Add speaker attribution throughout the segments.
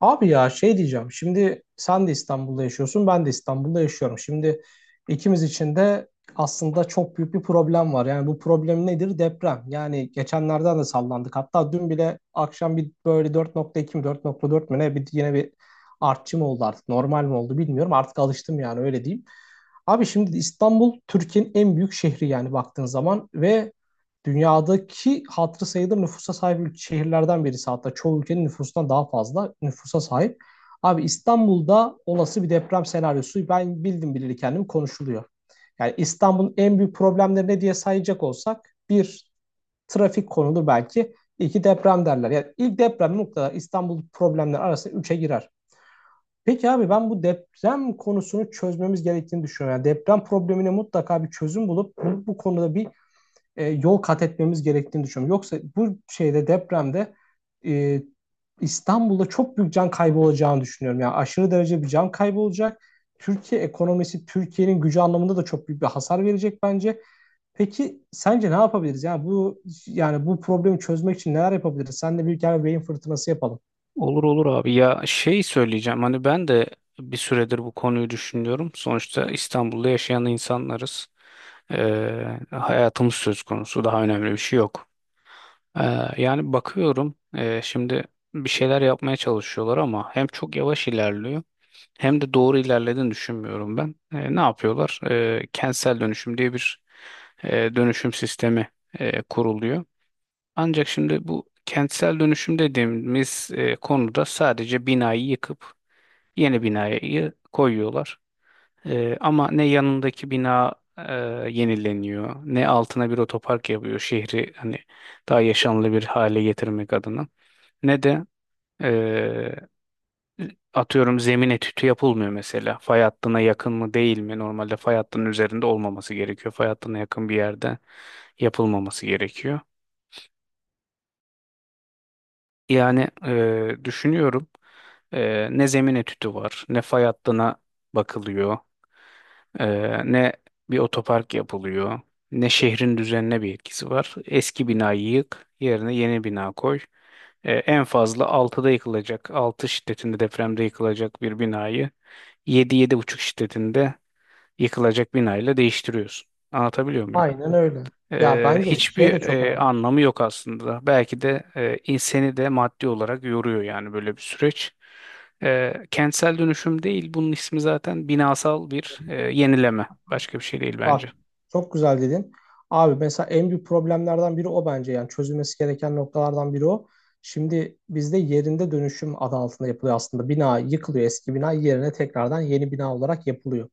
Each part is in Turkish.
Speaker 1: Abi ya şey diyeceğim. Şimdi sen de İstanbul'da yaşıyorsun, ben de İstanbul'da yaşıyorum. Şimdi ikimiz için de aslında çok büyük bir problem var. Yani bu problem nedir? Deprem. Yani geçenlerden de sallandık. Hatta dün bile akşam bir böyle 4.2 mi 4.4 mü ne, bir yine bir artçı mı oldu artık? Normal mi oldu bilmiyorum. Artık alıştım, yani öyle diyeyim. Abi şimdi İstanbul Türkiye'nin en büyük şehri, yani baktığın zaman, ve dünyadaki hatırı sayılır nüfusa sahip şehirlerden birisi, hatta çoğu ülkenin nüfusundan daha fazla nüfusa sahip. Abi İstanbul'da olası bir deprem senaryosu ben bildim bileli kendimi konuşuluyor. Yani İstanbul'un en büyük problemleri ne diye sayacak olsak, bir trafik konulu, belki iki deprem derler. Yani ilk deprem mutlaka İstanbul problemleri arasında üçe girer. Peki abi, ben bu deprem konusunu çözmemiz gerektiğini düşünüyorum. Yani deprem problemine mutlaka bir çözüm bulup bu konuda bir yol kat etmemiz gerektiğini düşünüyorum. Yoksa bu depremde e, İstanbul'da çok büyük can kaybı olacağını düşünüyorum. Yani aşırı derece bir can kaybı olacak. Türkiye ekonomisi, Türkiye'nin gücü anlamında da çok büyük bir hasar verecek bence. Peki sence ne yapabiliriz? Yani bu problemi çözmek için neler yapabiliriz? Sen de büyük bir kere beyin fırtınası yapalım.
Speaker 2: Olur olur abi ya şey söyleyeceğim hani ben de bir süredir bu konuyu düşünüyorum. Sonuçta İstanbul'da yaşayan insanlarız. Hayatımız söz konusu, daha önemli bir şey yok. Ee, Yani bakıyorum, şimdi bir şeyler yapmaya çalışıyorlar ama hem çok yavaş ilerliyor hem de doğru ilerlediğini düşünmüyorum ben. Ne yapıyorlar? Kentsel dönüşüm diye bir dönüşüm sistemi kuruluyor. Ancak şimdi bu kentsel dönüşüm dediğimiz konuda sadece binayı yıkıp yeni binayı koyuyorlar. Ama ne yanındaki bina yenileniyor, ne altına bir otopark yapıyor şehri hani daha yaşanlı bir hale getirmek adına, ne de e, atıyorum zemin etüdü yapılmıyor mesela. Fay hattına yakın mı değil mi? Normalde fay hattının üzerinde olmaması gerekiyor. Fay hattına yakın bir yerde yapılmaması gerekiyor. Yani, düşünüyorum, ne zemin etüdü var, ne fay hattına bakılıyor, e, ne bir otopark yapılıyor, ne şehrin düzenine bir etkisi var. Eski binayı yık, yerine yeni bina koy. En fazla altıda yıkılacak, 6 şiddetinde depremde yıkılacak bir binayı yedi yedi buçuk şiddetinde yıkılacak binayla değiştiriyorsun. Anlatabiliyor muyum?
Speaker 1: Aynen öyle. Ya bence şey de
Speaker 2: Hiçbir
Speaker 1: çok.
Speaker 2: anlamı yok aslında. Belki de inseni de maddi olarak yoruyor yani, böyle bir süreç. Kentsel dönüşüm değil, bunun ismi zaten binasal bir yenileme. Başka bir şey değil
Speaker 1: Bak,
Speaker 2: bence.
Speaker 1: çok güzel dedin. Abi mesela en büyük problemlerden biri o bence, yani çözülmesi gereken noktalardan biri o. Şimdi bizde yerinde dönüşüm adı altında yapılıyor aslında. Bina yıkılıyor, eski bina yerine tekrardan yeni bina olarak yapılıyor.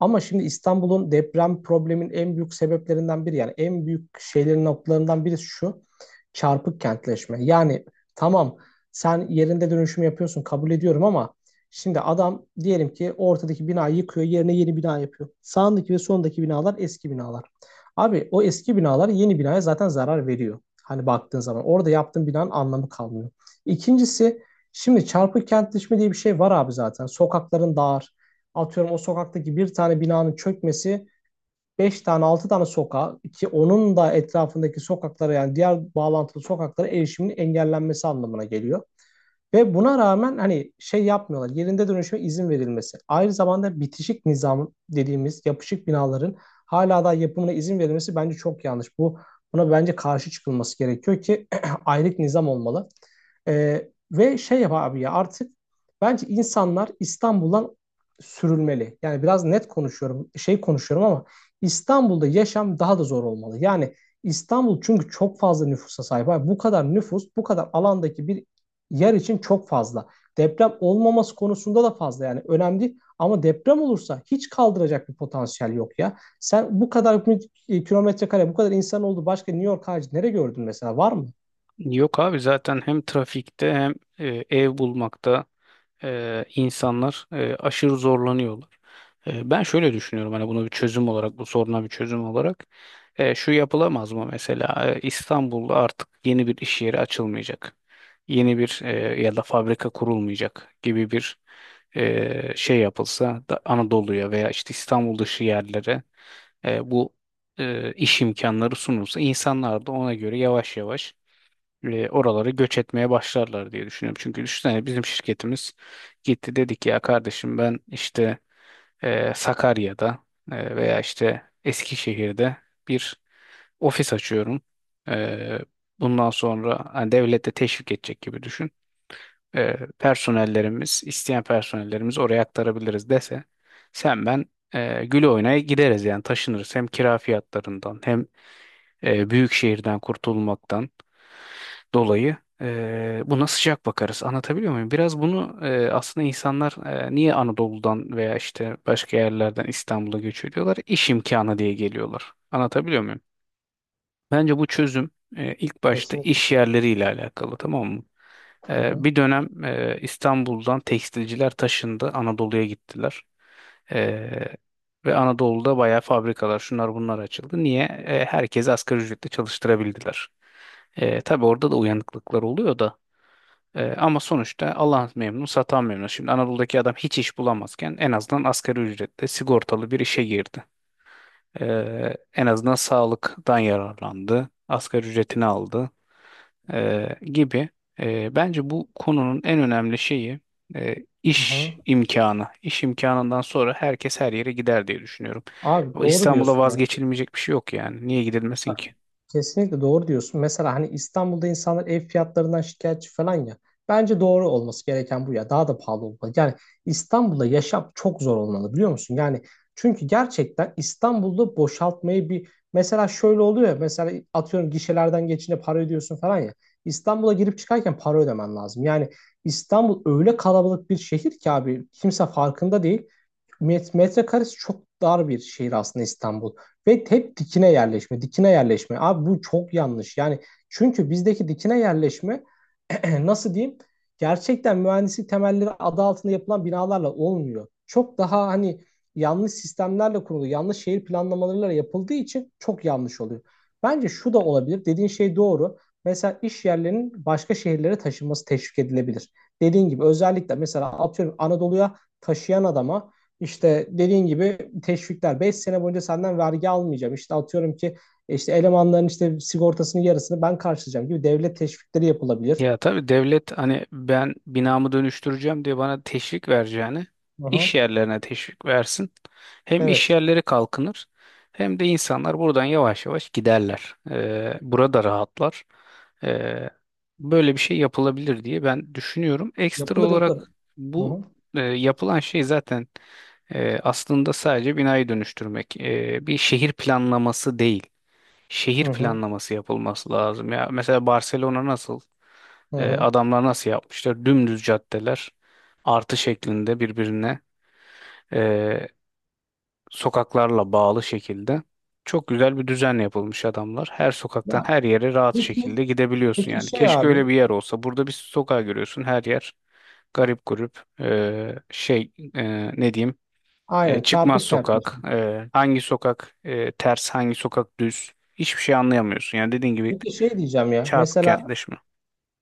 Speaker 1: Ama şimdi İstanbul'un deprem probleminin en büyük sebeplerinden biri, yani en büyük şeylerin noktalarından birisi şu: çarpık kentleşme. Yani tamam, sen yerinde dönüşüm yapıyorsun, kabul ediyorum, ama şimdi adam diyelim ki ortadaki binayı yıkıyor, yerine yeni bina yapıyor. Sağındaki ve sondaki binalar eski binalar. Abi o eski binalar yeni binaya zaten zarar veriyor. Hani baktığın zaman orada yaptığın binanın anlamı kalmıyor. İkincisi, şimdi çarpık kentleşme diye bir şey var abi zaten. Sokakların dar. Atıyorum, o sokaktaki bir tane binanın çökmesi 5 tane 6 tane sokağa, ki onun da etrafındaki sokaklara, yani diğer bağlantılı sokaklara erişimin engellenmesi anlamına geliyor. Ve buna rağmen hani şey yapmıyorlar. Yerinde dönüşüme izin verilmesi, aynı zamanda bitişik nizam dediğimiz yapışık binaların hala da yapımına izin verilmesi bence çok yanlış. Buna bence karşı çıkılması gerekiyor ki aylık nizam olmalı. Ve şey yap abi, ya artık bence insanlar İstanbul'dan sürülmeli. Yani biraz net konuşuyorum, şey konuşuyorum, ama İstanbul'da yaşam daha da zor olmalı. Yani İstanbul çünkü çok fazla nüfusa sahip. Abi bu kadar nüfus, bu kadar alandaki bir yer için çok fazla. Deprem olmaması konusunda da fazla, yani önemli değil. Ama deprem olursa hiç kaldıracak bir potansiyel yok ya. Sen bu kadar kilometre kare, bu kadar insan oldu. Başka New York harici nereye gördün mesela? Var mı?
Speaker 2: Yok abi, zaten hem trafikte hem ev bulmakta insanlar aşırı zorlanıyorlar. Ben şöyle düşünüyorum, hani bunu bir çözüm olarak, bu soruna bir çözüm olarak, şu yapılamaz mı mesela: İstanbul'da artık yeni bir iş yeri açılmayacak. Yeni bir, ya da fabrika kurulmayacak gibi bir şey yapılsa da, Anadolu'ya veya işte İstanbul dışı yerlere bu iş imkanları sunulsa, insanlar da ona göre yavaş yavaş oraları göç etmeye başlarlar diye düşünüyorum. Çünkü düşünsene, bizim şirketimiz gitti dedik ya, kardeşim ben işte Sakarya'da veya işte Eskişehir'de bir ofis açıyorum. E, Bundan sonra hani devlet de teşvik edecek gibi düşün. Personellerimiz, isteyen personellerimiz oraya aktarabiliriz dese, sen ben gül oynaya gideriz yani, taşınırız hem kira fiyatlarından hem büyük şehirden kurtulmaktan dolayı buna sıcak bakarız. Anlatabiliyor muyum? Biraz bunu, aslında insanlar niye Anadolu'dan veya işte başka yerlerden İstanbul'a göç ediyorlar? İş imkanı diye geliyorlar. Anlatabiliyor muyum? Bence bu çözüm, ilk başta
Speaker 1: Kesinlikle.
Speaker 2: iş yerleriyle alakalı, tamam mı?
Speaker 1: Hı hı.
Speaker 2: Bir dönem İstanbul'dan tekstilciler taşındı, Anadolu'ya gittiler. E, Ve Anadolu'da bayağı fabrikalar, şunlar bunlar açıldı. Niye? Herkesi asgari ücretle çalıştırabildiler. Tabii orada da uyanıklıklar oluyor da. Ama sonuçta Allah memnun, satan memnun. Şimdi Anadolu'daki adam hiç iş bulamazken en azından asgari ücretle sigortalı bir işe girdi. En azından sağlıktan yararlandı, asgari ücretini aldı gibi. Bence bu konunun en önemli şeyi, e,
Speaker 1: Hı
Speaker 2: iş
Speaker 1: hı.
Speaker 2: imkanı. İş imkanından sonra herkes her yere gider diye düşünüyorum.
Speaker 1: Abi
Speaker 2: O
Speaker 1: doğru
Speaker 2: İstanbul'a
Speaker 1: diyorsun ya.
Speaker 2: vazgeçilmeyecek bir şey yok yani. Niye gidilmesin ki?
Speaker 1: Aynen. Kesinlikle doğru diyorsun. Mesela hani İstanbul'da insanlar ev fiyatlarından şikayetçi falan ya. Bence doğru olması gereken bu ya. Daha da pahalı olmalı. Yani İstanbul'da yaşam çok zor olmalı, biliyor musun? Yani çünkü gerçekten İstanbul'da boşaltmayı bir mesela şöyle oluyor ya. Mesela atıyorum, gişelerden geçince para ödüyorsun falan ya. İstanbul'a girip çıkarken para ödemen lazım. Yani İstanbul öyle kalabalık bir şehir ki abi, kimse farkında değil. Metrekaresi çok dar bir şehir aslında İstanbul. Ve hep dikine yerleşme, dikine yerleşme. Abi bu çok yanlış. Yani çünkü bizdeki dikine yerleşme nasıl diyeyim? Gerçekten mühendislik temelleri adı altında yapılan binalarla olmuyor. Çok daha hani yanlış sistemlerle kurulu, yanlış şehir planlamalarıyla yapıldığı için çok yanlış oluyor. Bence şu da olabilir. Dediğin şey doğru. Mesela iş yerlerinin başka şehirlere taşınması teşvik edilebilir. Dediğin gibi özellikle mesela atıyorum Anadolu'ya taşıyan adama, işte dediğin gibi teşvikler: 5 sene boyunca senden vergi almayacağım. İşte atıyorum ki işte elemanların işte sigortasının yarısını ben karşılayacağım gibi devlet teşvikleri yapılabilir.
Speaker 2: Ya tabii, devlet hani ben binamı dönüştüreceğim diye bana teşvik vereceğini
Speaker 1: Hı
Speaker 2: iş
Speaker 1: hı.
Speaker 2: yerlerine teşvik versin. Hem iş
Speaker 1: Evet.
Speaker 2: yerleri kalkınır hem de insanlar buradan yavaş yavaş giderler. Burada rahatlar. Ee, Böyle bir şey yapılabilir diye ben düşünüyorum. Ekstra
Speaker 1: Yapılır yapılır.
Speaker 2: olarak,
Speaker 1: Hı
Speaker 2: bu
Speaker 1: hı.
Speaker 2: yapılan şey zaten aslında sadece binayı dönüştürmek. Bir şehir planlaması değil.
Speaker 1: Hı
Speaker 2: Şehir
Speaker 1: hı.
Speaker 2: planlaması yapılması lazım. Ya mesela Barcelona nasıl?
Speaker 1: Hı hı.
Speaker 2: Adamlar nasıl yapmışlar? Dümdüz caddeler, artı şeklinde birbirine e, sokaklarla bağlı şekilde. Çok güzel bir düzen yapılmış adamlar. Her sokaktan
Speaker 1: Ya,
Speaker 2: her yere rahat
Speaker 1: peki,
Speaker 2: şekilde gidebiliyorsun
Speaker 1: peki
Speaker 2: yani.
Speaker 1: şey
Speaker 2: Keşke
Speaker 1: abi.
Speaker 2: öyle bir yer olsa. Burada bir sokağa görüyorsun, her yer garip grup, şey, ne diyeyim,
Speaker 1: Aynen,
Speaker 2: çıkmaz
Speaker 1: çarpık kentleşme.
Speaker 2: sokak, hangi sokak, ters, hangi sokak düz, hiçbir şey anlayamıyorsun yani, dediğin gibi
Speaker 1: Peki şey diyeceğim ya.
Speaker 2: çarpık
Speaker 1: Mesela,
Speaker 2: kentleşme.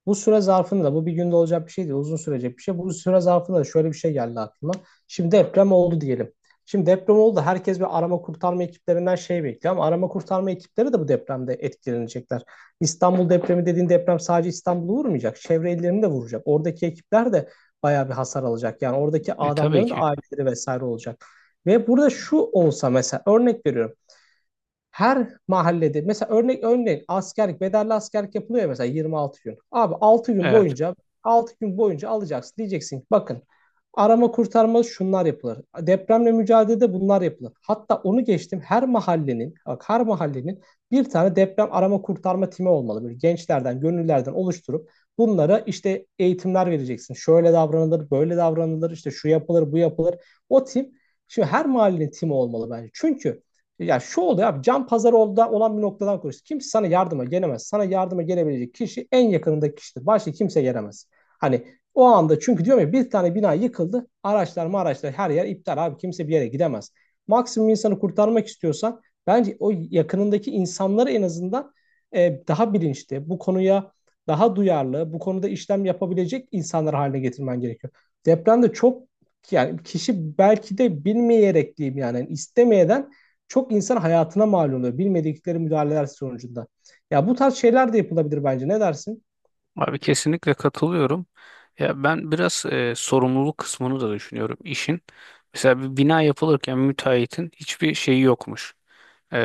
Speaker 1: bu süre zarfında da, bu bir günde olacak bir şey değil, uzun sürecek bir şey. Bu süre zarfında da şöyle bir şey geldi aklıma. Şimdi deprem oldu diyelim. Şimdi deprem oldu. Herkes bir arama kurtarma ekiplerinden şey bekliyor, ama arama kurtarma ekipleri de bu depremde etkilenecekler. İstanbul depremi dediğin deprem sadece İstanbul'u vurmayacak. Çevre illerini de vuracak. Oradaki ekipler de bayağı bir hasar alacak. Yani oradaki
Speaker 2: Tabii
Speaker 1: adamların da
Speaker 2: ki.
Speaker 1: aileleri vesaire olacak. Ve burada şu olsa, mesela örnek veriyorum. Her mahallede mesela örneğin askerlik, bedelli askerlik yapılıyor ya, mesela 26 gün. Abi 6 gün
Speaker 2: Evet.
Speaker 1: boyunca 6 gün boyunca alacaksın, diyeceksin ki bakın, arama kurtarma şunlar yapılır. Depremle mücadelede bunlar yapılır. Hatta onu geçtim, her mahallenin bir tane deprem arama kurtarma timi olmalı. Böyle gençlerden gönüllerden oluşturup bunlara işte eğitimler vereceksin. Şöyle davranılır, böyle davranılır, işte şu yapılır, bu yapılır. O tim Şimdi her mahallenin timi olmalı bence. Çünkü ya şu oluyor abi, can pazarı olda olan bir noktadan konuşuyoruz. Kimse sana yardıma gelemez. Sana yardıma gelebilecek kişi en yakınındaki kişidir. Başka kimse gelemez. Hani o anda, çünkü diyorum ya, bir tane bina yıkıldı. Araçlar mı araçlar, her yer iptal abi. Kimse bir yere gidemez. Maksimum insanı kurtarmak istiyorsan bence o yakınındaki insanları en azından daha bilinçli, bu konuya daha duyarlı, bu konuda işlem yapabilecek insanlar haline getirmen gerekiyor. Depremde çok, yani kişi belki de bilmeyerek diyeyim, yani istemeyeden çok insan hayatına mal oluyor bilmedikleri müdahaleler sonucunda. Ya bu tarz şeyler de yapılabilir bence. Ne dersin?
Speaker 2: Abi, kesinlikle katılıyorum. Ya ben biraz sorumluluk kısmını da düşünüyorum işin. Mesela bir bina yapılırken müteahhitin hiçbir şeyi yokmuş. E,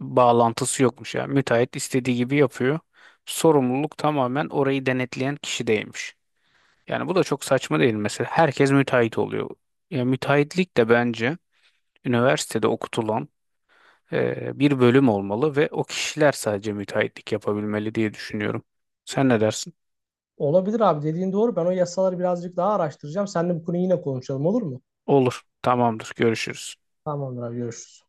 Speaker 2: Bağlantısı yokmuş. Yani müteahhit istediği gibi yapıyor. Sorumluluk tamamen orayı denetleyen kişideymiş. Yani bu da çok saçma değil mi? Mesela, herkes müteahhit oluyor. Ya müteahhitlik de bence üniversitede okutulan bir bölüm olmalı ve o kişiler sadece müteahhitlik yapabilmeli diye düşünüyorum. Sen ne dersin?
Speaker 1: Olabilir abi, dediğin doğru. Ben o yasaları birazcık daha araştıracağım. Seninle bu konuyu yine konuşalım, olur mu?
Speaker 2: Olur. Tamamdır. Görüşürüz.
Speaker 1: Tamamdır abi, görüşürüz.